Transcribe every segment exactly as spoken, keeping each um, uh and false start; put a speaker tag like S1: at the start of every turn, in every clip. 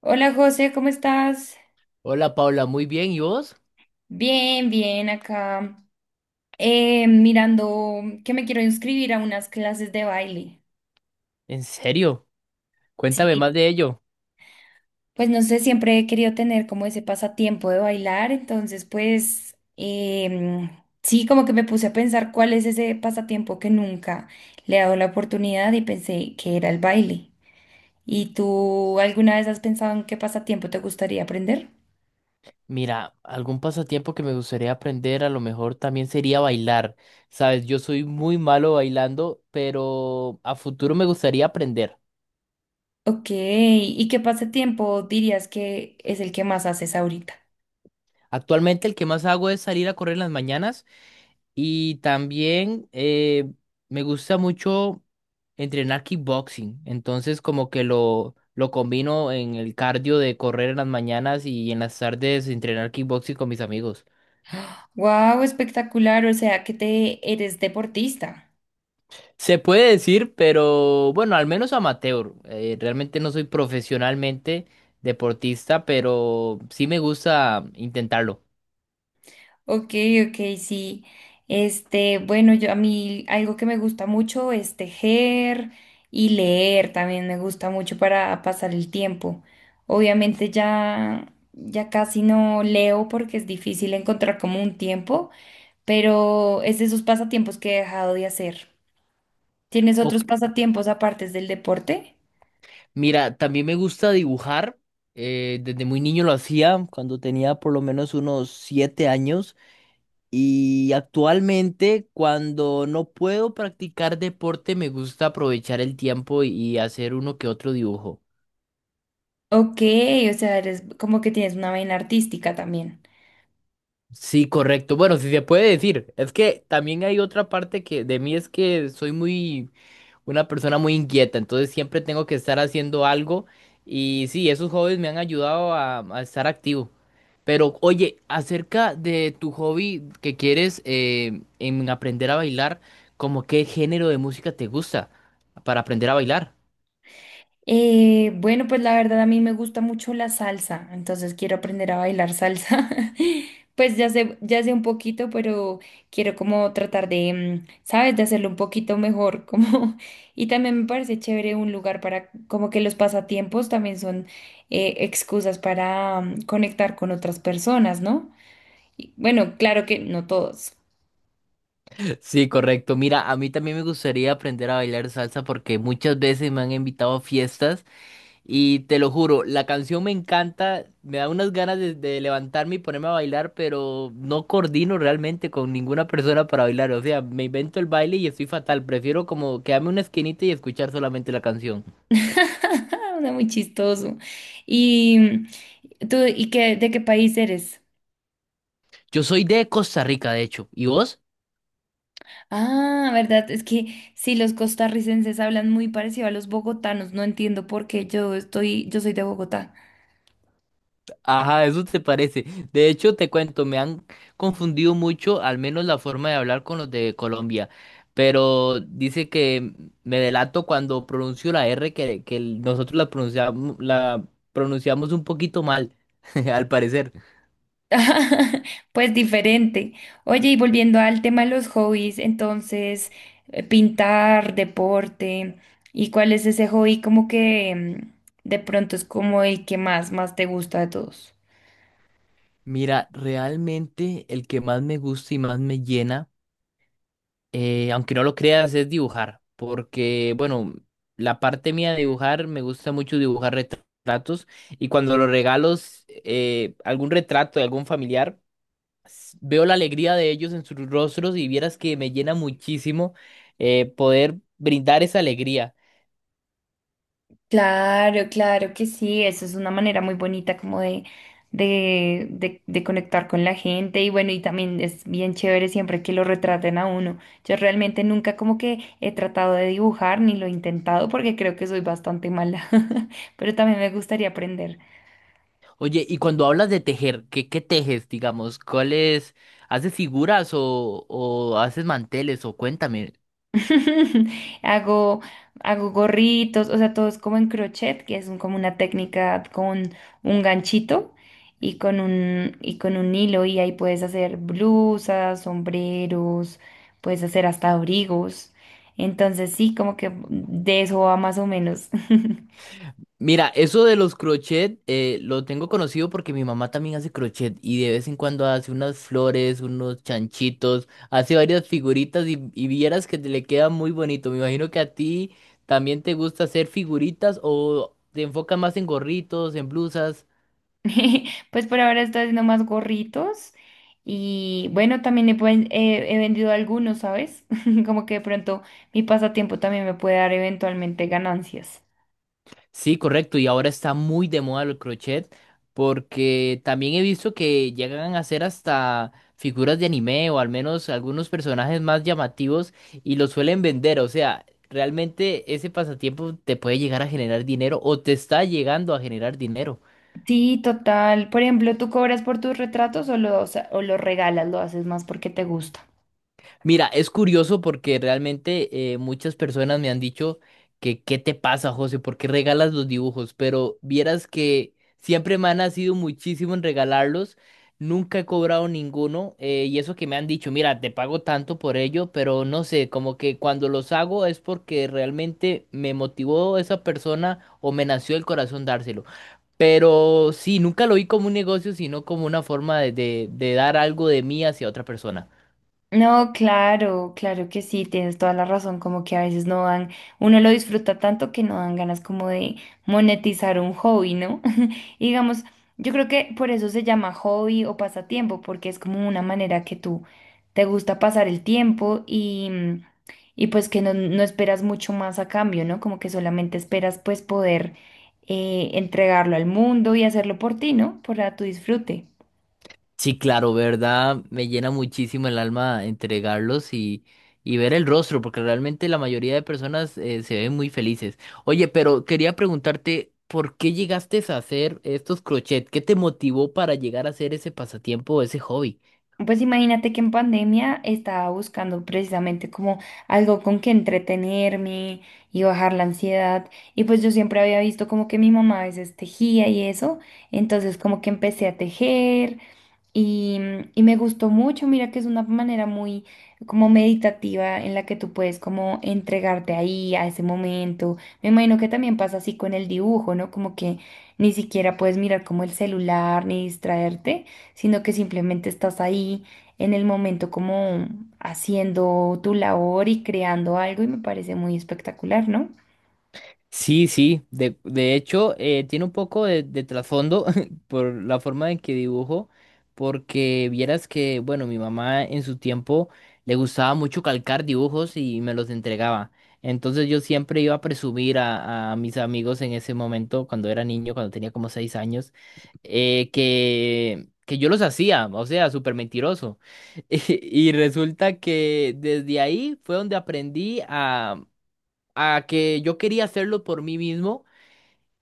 S1: Hola José, ¿cómo estás?
S2: Hola Paula, muy bien, ¿y vos?
S1: Bien, bien, acá eh, mirando que me quiero inscribir a unas clases de baile.
S2: ¿En serio? Cuéntame
S1: Sí.
S2: más de ello.
S1: Pues no sé, siempre he querido tener como ese pasatiempo de bailar, entonces pues em, sí, como que me puse a pensar cuál es ese pasatiempo que nunca le he dado la oportunidad y pensé que era el baile. ¿Y tú alguna vez has pensado en qué pasatiempo te gustaría aprender?
S2: Mira, algún pasatiempo que me gustaría aprender a lo mejor también sería bailar. Sabes, yo soy muy malo bailando, pero a futuro me gustaría aprender.
S1: Ok, ¿y qué pasatiempo dirías que es el que más haces ahorita?
S2: Actualmente el que más hago es salir a correr en las mañanas y también eh, me gusta mucho entrenar kickboxing. Entonces como que lo, lo combino en el cardio de correr en las mañanas y en las tardes entrenar kickboxing con mis amigos.
S1: Wow, espectacular, o sea que te eres deportista.
S2: Se puede decir, pero bueno, al menos amateur. Eh, realmente no soy profesionalmente deportista, pero sí me gusta intentarlo.
S1: Ok, ok, sí. Este, bueno, yo a mí algo que me gusta mucho es tejer y leer, también me gusta mucho para pasar el tiempo. Obviamente ya ya casi no leo porque es difícil encontrar como un tiempo, pero es de esos pasatiempos que he dejado de hacer. ¿Tienes otros
S2: Ok.
S1: pasatiempos aparte del deporte?
S2: Mira, también me gusta dibujar. eh, desde muy niño lo hacía, cuando tenía por lo menos unos siete años. Y actualmente, cuando no puedo practicar deporte, me gusta aprovechar el tiempo y y hacer uno que otro dibujo.
S1: Ok, o sea, eres como que tienes una vaina artística también.
S2: Sí, correcto. Bueno, si se puede decir, es que también hay otra parte que de mí es que soy muy una persona muy inquieta, entonces siempre tengo que estar haciendo algo y sí, esos hobbies me han ayudado a, a estar activo. Pero oye, acerca de tu hobby que quieres eh, en aprender a bailar, ¿cómo qué género de música te gusta para aprender a bailar?
S1: Eh, bueno, pues la verdad a mí me gusta mucho la salsa, entonces quiero aprender a bailar salsa. Pues ya sé, ya sé un poquito, pero quiero como tratar de, mm, ¿sabes? De hacerlo un poquito mejor, como... Y también me parece chévere un lugar para, como que los pasatiempos también son eh, excusas para mm, conectar con otras personas, ¿no? Y, bueno, claro que no todos.
S2: Sí, correcto. Mira, a mí también me gustaría aprender a bailar salsa porque muchas veces me han invitado a fiestas. Y te lo juro, la canción me encanta, me da unas ganas de, de levantarme y ponerme a bailar, pero no coordino realmente con ninguna persona para bailar. O sea, me invento el baile y estoy fatal. Prefiero como quedarme en una esquinita y escuchar solamente la canción.
S1: Una muy chistoso. ¿Y tú, y qué, de qué país eres?
S2: Yo soy de Costa Rica, de hecho. ¿Y vos?
S1: Ah, verdad, es que sí, los costarricenses hablan muy parecido a los bogotanos, no entiendo por qué yo estoy, yo soy de Bogotá.
S2: Ajá, eso te parece. De hecho, te cuento, me han confundido mucho, al menos la forma de hablar con los de Colombia. Pero dice que me delato cuando pronuncio la R que, que nosotros la pronunciamos, la pronunciamos un poquito mal, al parecer.
S1: Pues diferente. Oye, y volviendo al tema de los hobbies, entonces, eh, pintar, deporte, ¿y cuál es ese hobby como que mm, de pronto es como el que más, más te gusta de todos?
S2: Mira, realmente el que más me gusta y más me llena. eh, aunque no lo creas, es dibujar, porque, bueno, la parte mía de dibujar, me gusta mucho dibujar retratos y cuando los regalos eh, algún retrato de algún familiar, s- veo la alegría de ellos en sus rostros y vieras que me llena muchísimo eh, poder brindar esa alegría.
S1: Claro, claro que sí, eso es una manera muy bonita como de, de, de, de conectar con la gente y bueno, y también es bien chévere siempre que lo retraten a uno. Yo realmente nunca como que he tratado de dibujar ni lo he intentado porque creo que soy bastante mala, pero también me gustaría aprender.
S2: Oye, y cuando hablas de tejer, ¿qué, qué tejes, digamos? ¿Cuáles? ¿Haces figuras o, o haces manteles? O cuéntame.
S1: Hago, Hago gorritos, o sea, todo es como en crochet, que es un- como una técnica con un ganchito y con un, y con un hilo, y ahí puedes hacer blusas, sombreros, puedes hacer hasta abrigos. Entonces, sí, como que de eso va más o menos.
S2: Mira, eso de los crochet eh, lo tengo conocido porque mi mamá también hace crochet y de vez en cuando hace unas flores, unos chanchitos, hace varias figuritas y, y vieras que te le queda muy bonito. Me imagino que a ti también te gusta hacer figuritas o te enfocas más en gorritos, en blusas.
S1: Pues por ahora estoy haciendo más gorritos y bueno, también he, ven- he- he vendido algunos, ¿sabes? Como que de pronto mi pasatiempo también me puede dar eventualmente ganancias.
S2: Sí, correcto. Y ahora está muy de moda el crochet porque también he visto que llegan a hacer hasta figuras de anime o al menos algunos personajes más llamativos y los suelen vender. O sea, realmente ese pasatiempo te puede llegar a generar dinero o te está llegando a generar dinero.
S1: Sí, total. Por ejemplo, ¿tú cobras por tus retratos o los, o los regalas? ¿Lo haces más porque te gusta?
S2: Mira, es curioso porque realmente eh, muchas personas me han dicho que ¿qué te pasa, José? ¿Por qué regalas los dibujos? Pero vieras que siempre me han sido muchísimo en regalarlos, nunca he cobrado ninguno eh, y eso que me han dicho, mira, te pago tanto por ello, pero no sé, como que cuando los hago es porque realmente me motivó esa persona o me nació el corazón dárselo. Pero sí, nunca lo vi como un negocio, sino como una forma de, de de dar algo de mí hacia otra persona.
S1: No, claro, claro que sí, tienes toda la razón, como que a veces no dan, uno lo disfruta tanto que no dan ganas como de monetizar un hobby, ¿no? Y digamos, yo creo que por eso se llama hobby o pasatiempo, porque es como una manera que tú te gusta pasar el tiempo y, y pues que no, no esperas mucho más a cambio, ¿no? Como que solamente esperas pues poder eh, entregarlo al mundo y hacerlo por ti, ¿no? Para tu disfrute.
S2: Sí, claro, verdad, me llena muchísimo el alma entregarlos y, y ver el rostro, porque realmente la mayoría de personas eh, se ven muy felices. Oye, pero quería preguntarte, ¿por qué llegaste a hacer estos crochet? ¿Qué te motivó para llegar a hacer ese pasatiempo, ese hobby?
S1: Pues imagínate que en pandemia estaba buscando precisamente como algo con que entretenerme y bajar la ansiedad. Y pues yo siempre había visto como que mi mamá a veces tejía y eso. Entonces como que empecé a tejer y, y me gustó mucho, mira que es una manera muy como meditativa en la que tú puedes como entregarte ahí a ese momento. Me imagino que también pasa así con el dibujo, ¿no? Como que ni siquiera puedes mirar como el celular ni distraerte, sino que simplemente estás ahí en el momento como haciendo tu labor y creando algo y me parece muy espectacular, ¿no?
S2: Sí, sí, de, de hecho eh, tiene un poco de, de trasfondo por la forma en que dibujo, porque vieras que, bueno, mi mamá en su tiempo le gustaba mucho calcar dibujos y me los entregaba. Entonces yo siempre iba a presumir a, a mis amigos en ese momento, cuando era niño, cuando tenía como seis años, eh, que, que yo los hacía, o sea, súper mentiroso. Y resulta que desde ahí fue donde aprendí a que yo quería hacerlo por mí mismo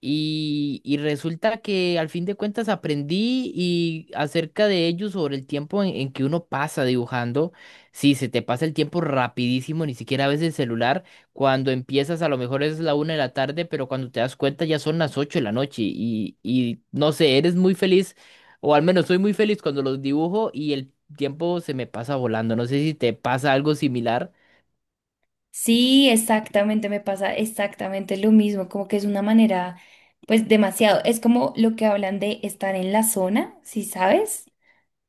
S2: y, y resulta que al fin de cuentas aprendí y acerca de ello sobre el tiempo en, en que uno pasa dibujando. Sí, se te pasa el tiempo rapidísimo, ni siquiera ves el celular. Cuando empiezas a lo mejor es la una de la tarde, pero cuando te das cuenta ya son las ocho de la noche y, y no sé, eres muy feliz o al menos soy muy feliz cuando los dibujo y el tiempo se me pasa volando. No sé si te pasa algo similar.
S1: Sí, exactamente, me pasa exactamente lo mismo, como que es una manera, pues demasiado, es como lo que hablan de estar en la zona, ¿si sabes?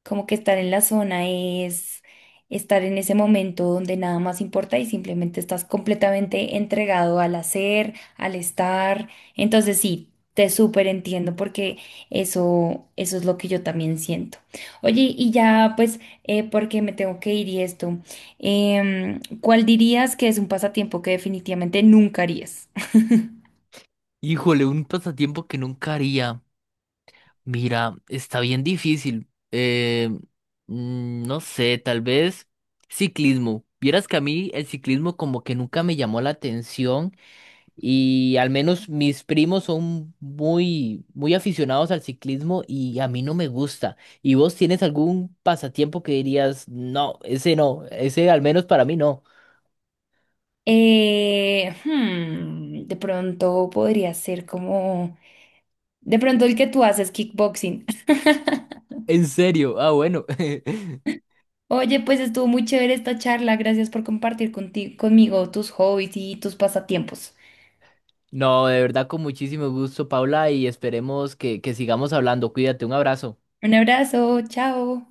S1: Como que estar en la zona es estar en ese momento donde nada más importa y simplemente estás completamente entregado al hacer, al estar. Entonces sí, te súper entiendo porque eso, eso es lo que yo también siento. Oye, y ya pues, eh, porque me tengo que ir y esto, em, ¿cuál dirías que es un pasatiempo que definitivamente nunca harías?
S2: Híjole, un pasatiempo que nunca haría. Mira, está bien difícil. Eh, mm, no sé, tal vez ciclismo. Vieras que a mí el ciclismo como que nunca me llamó la atención y al menos mis primos son muy, muy aficionados al ciclismo y a mí no me gusta. ¿Y vos tienes algún pasatiempo que dirías, no, ese no, ese al menos para mí no?
S1: Eh, hmm, de pronto podría ser como... De pronto el que tú haces kickboxing.
S2: ¿En serio? Ah, bueno.
S1: Oye, pues estuvo muy chévere esta charla. Gracias por compartir conti- conmigo tus hobbies y tus pasatiempos.
S2: No, de verdad con muchísimo gusto, Paula, y esperemos que, que sigamos hablando. Cuídate, un abrazo.
S1: Un abrazo, chao.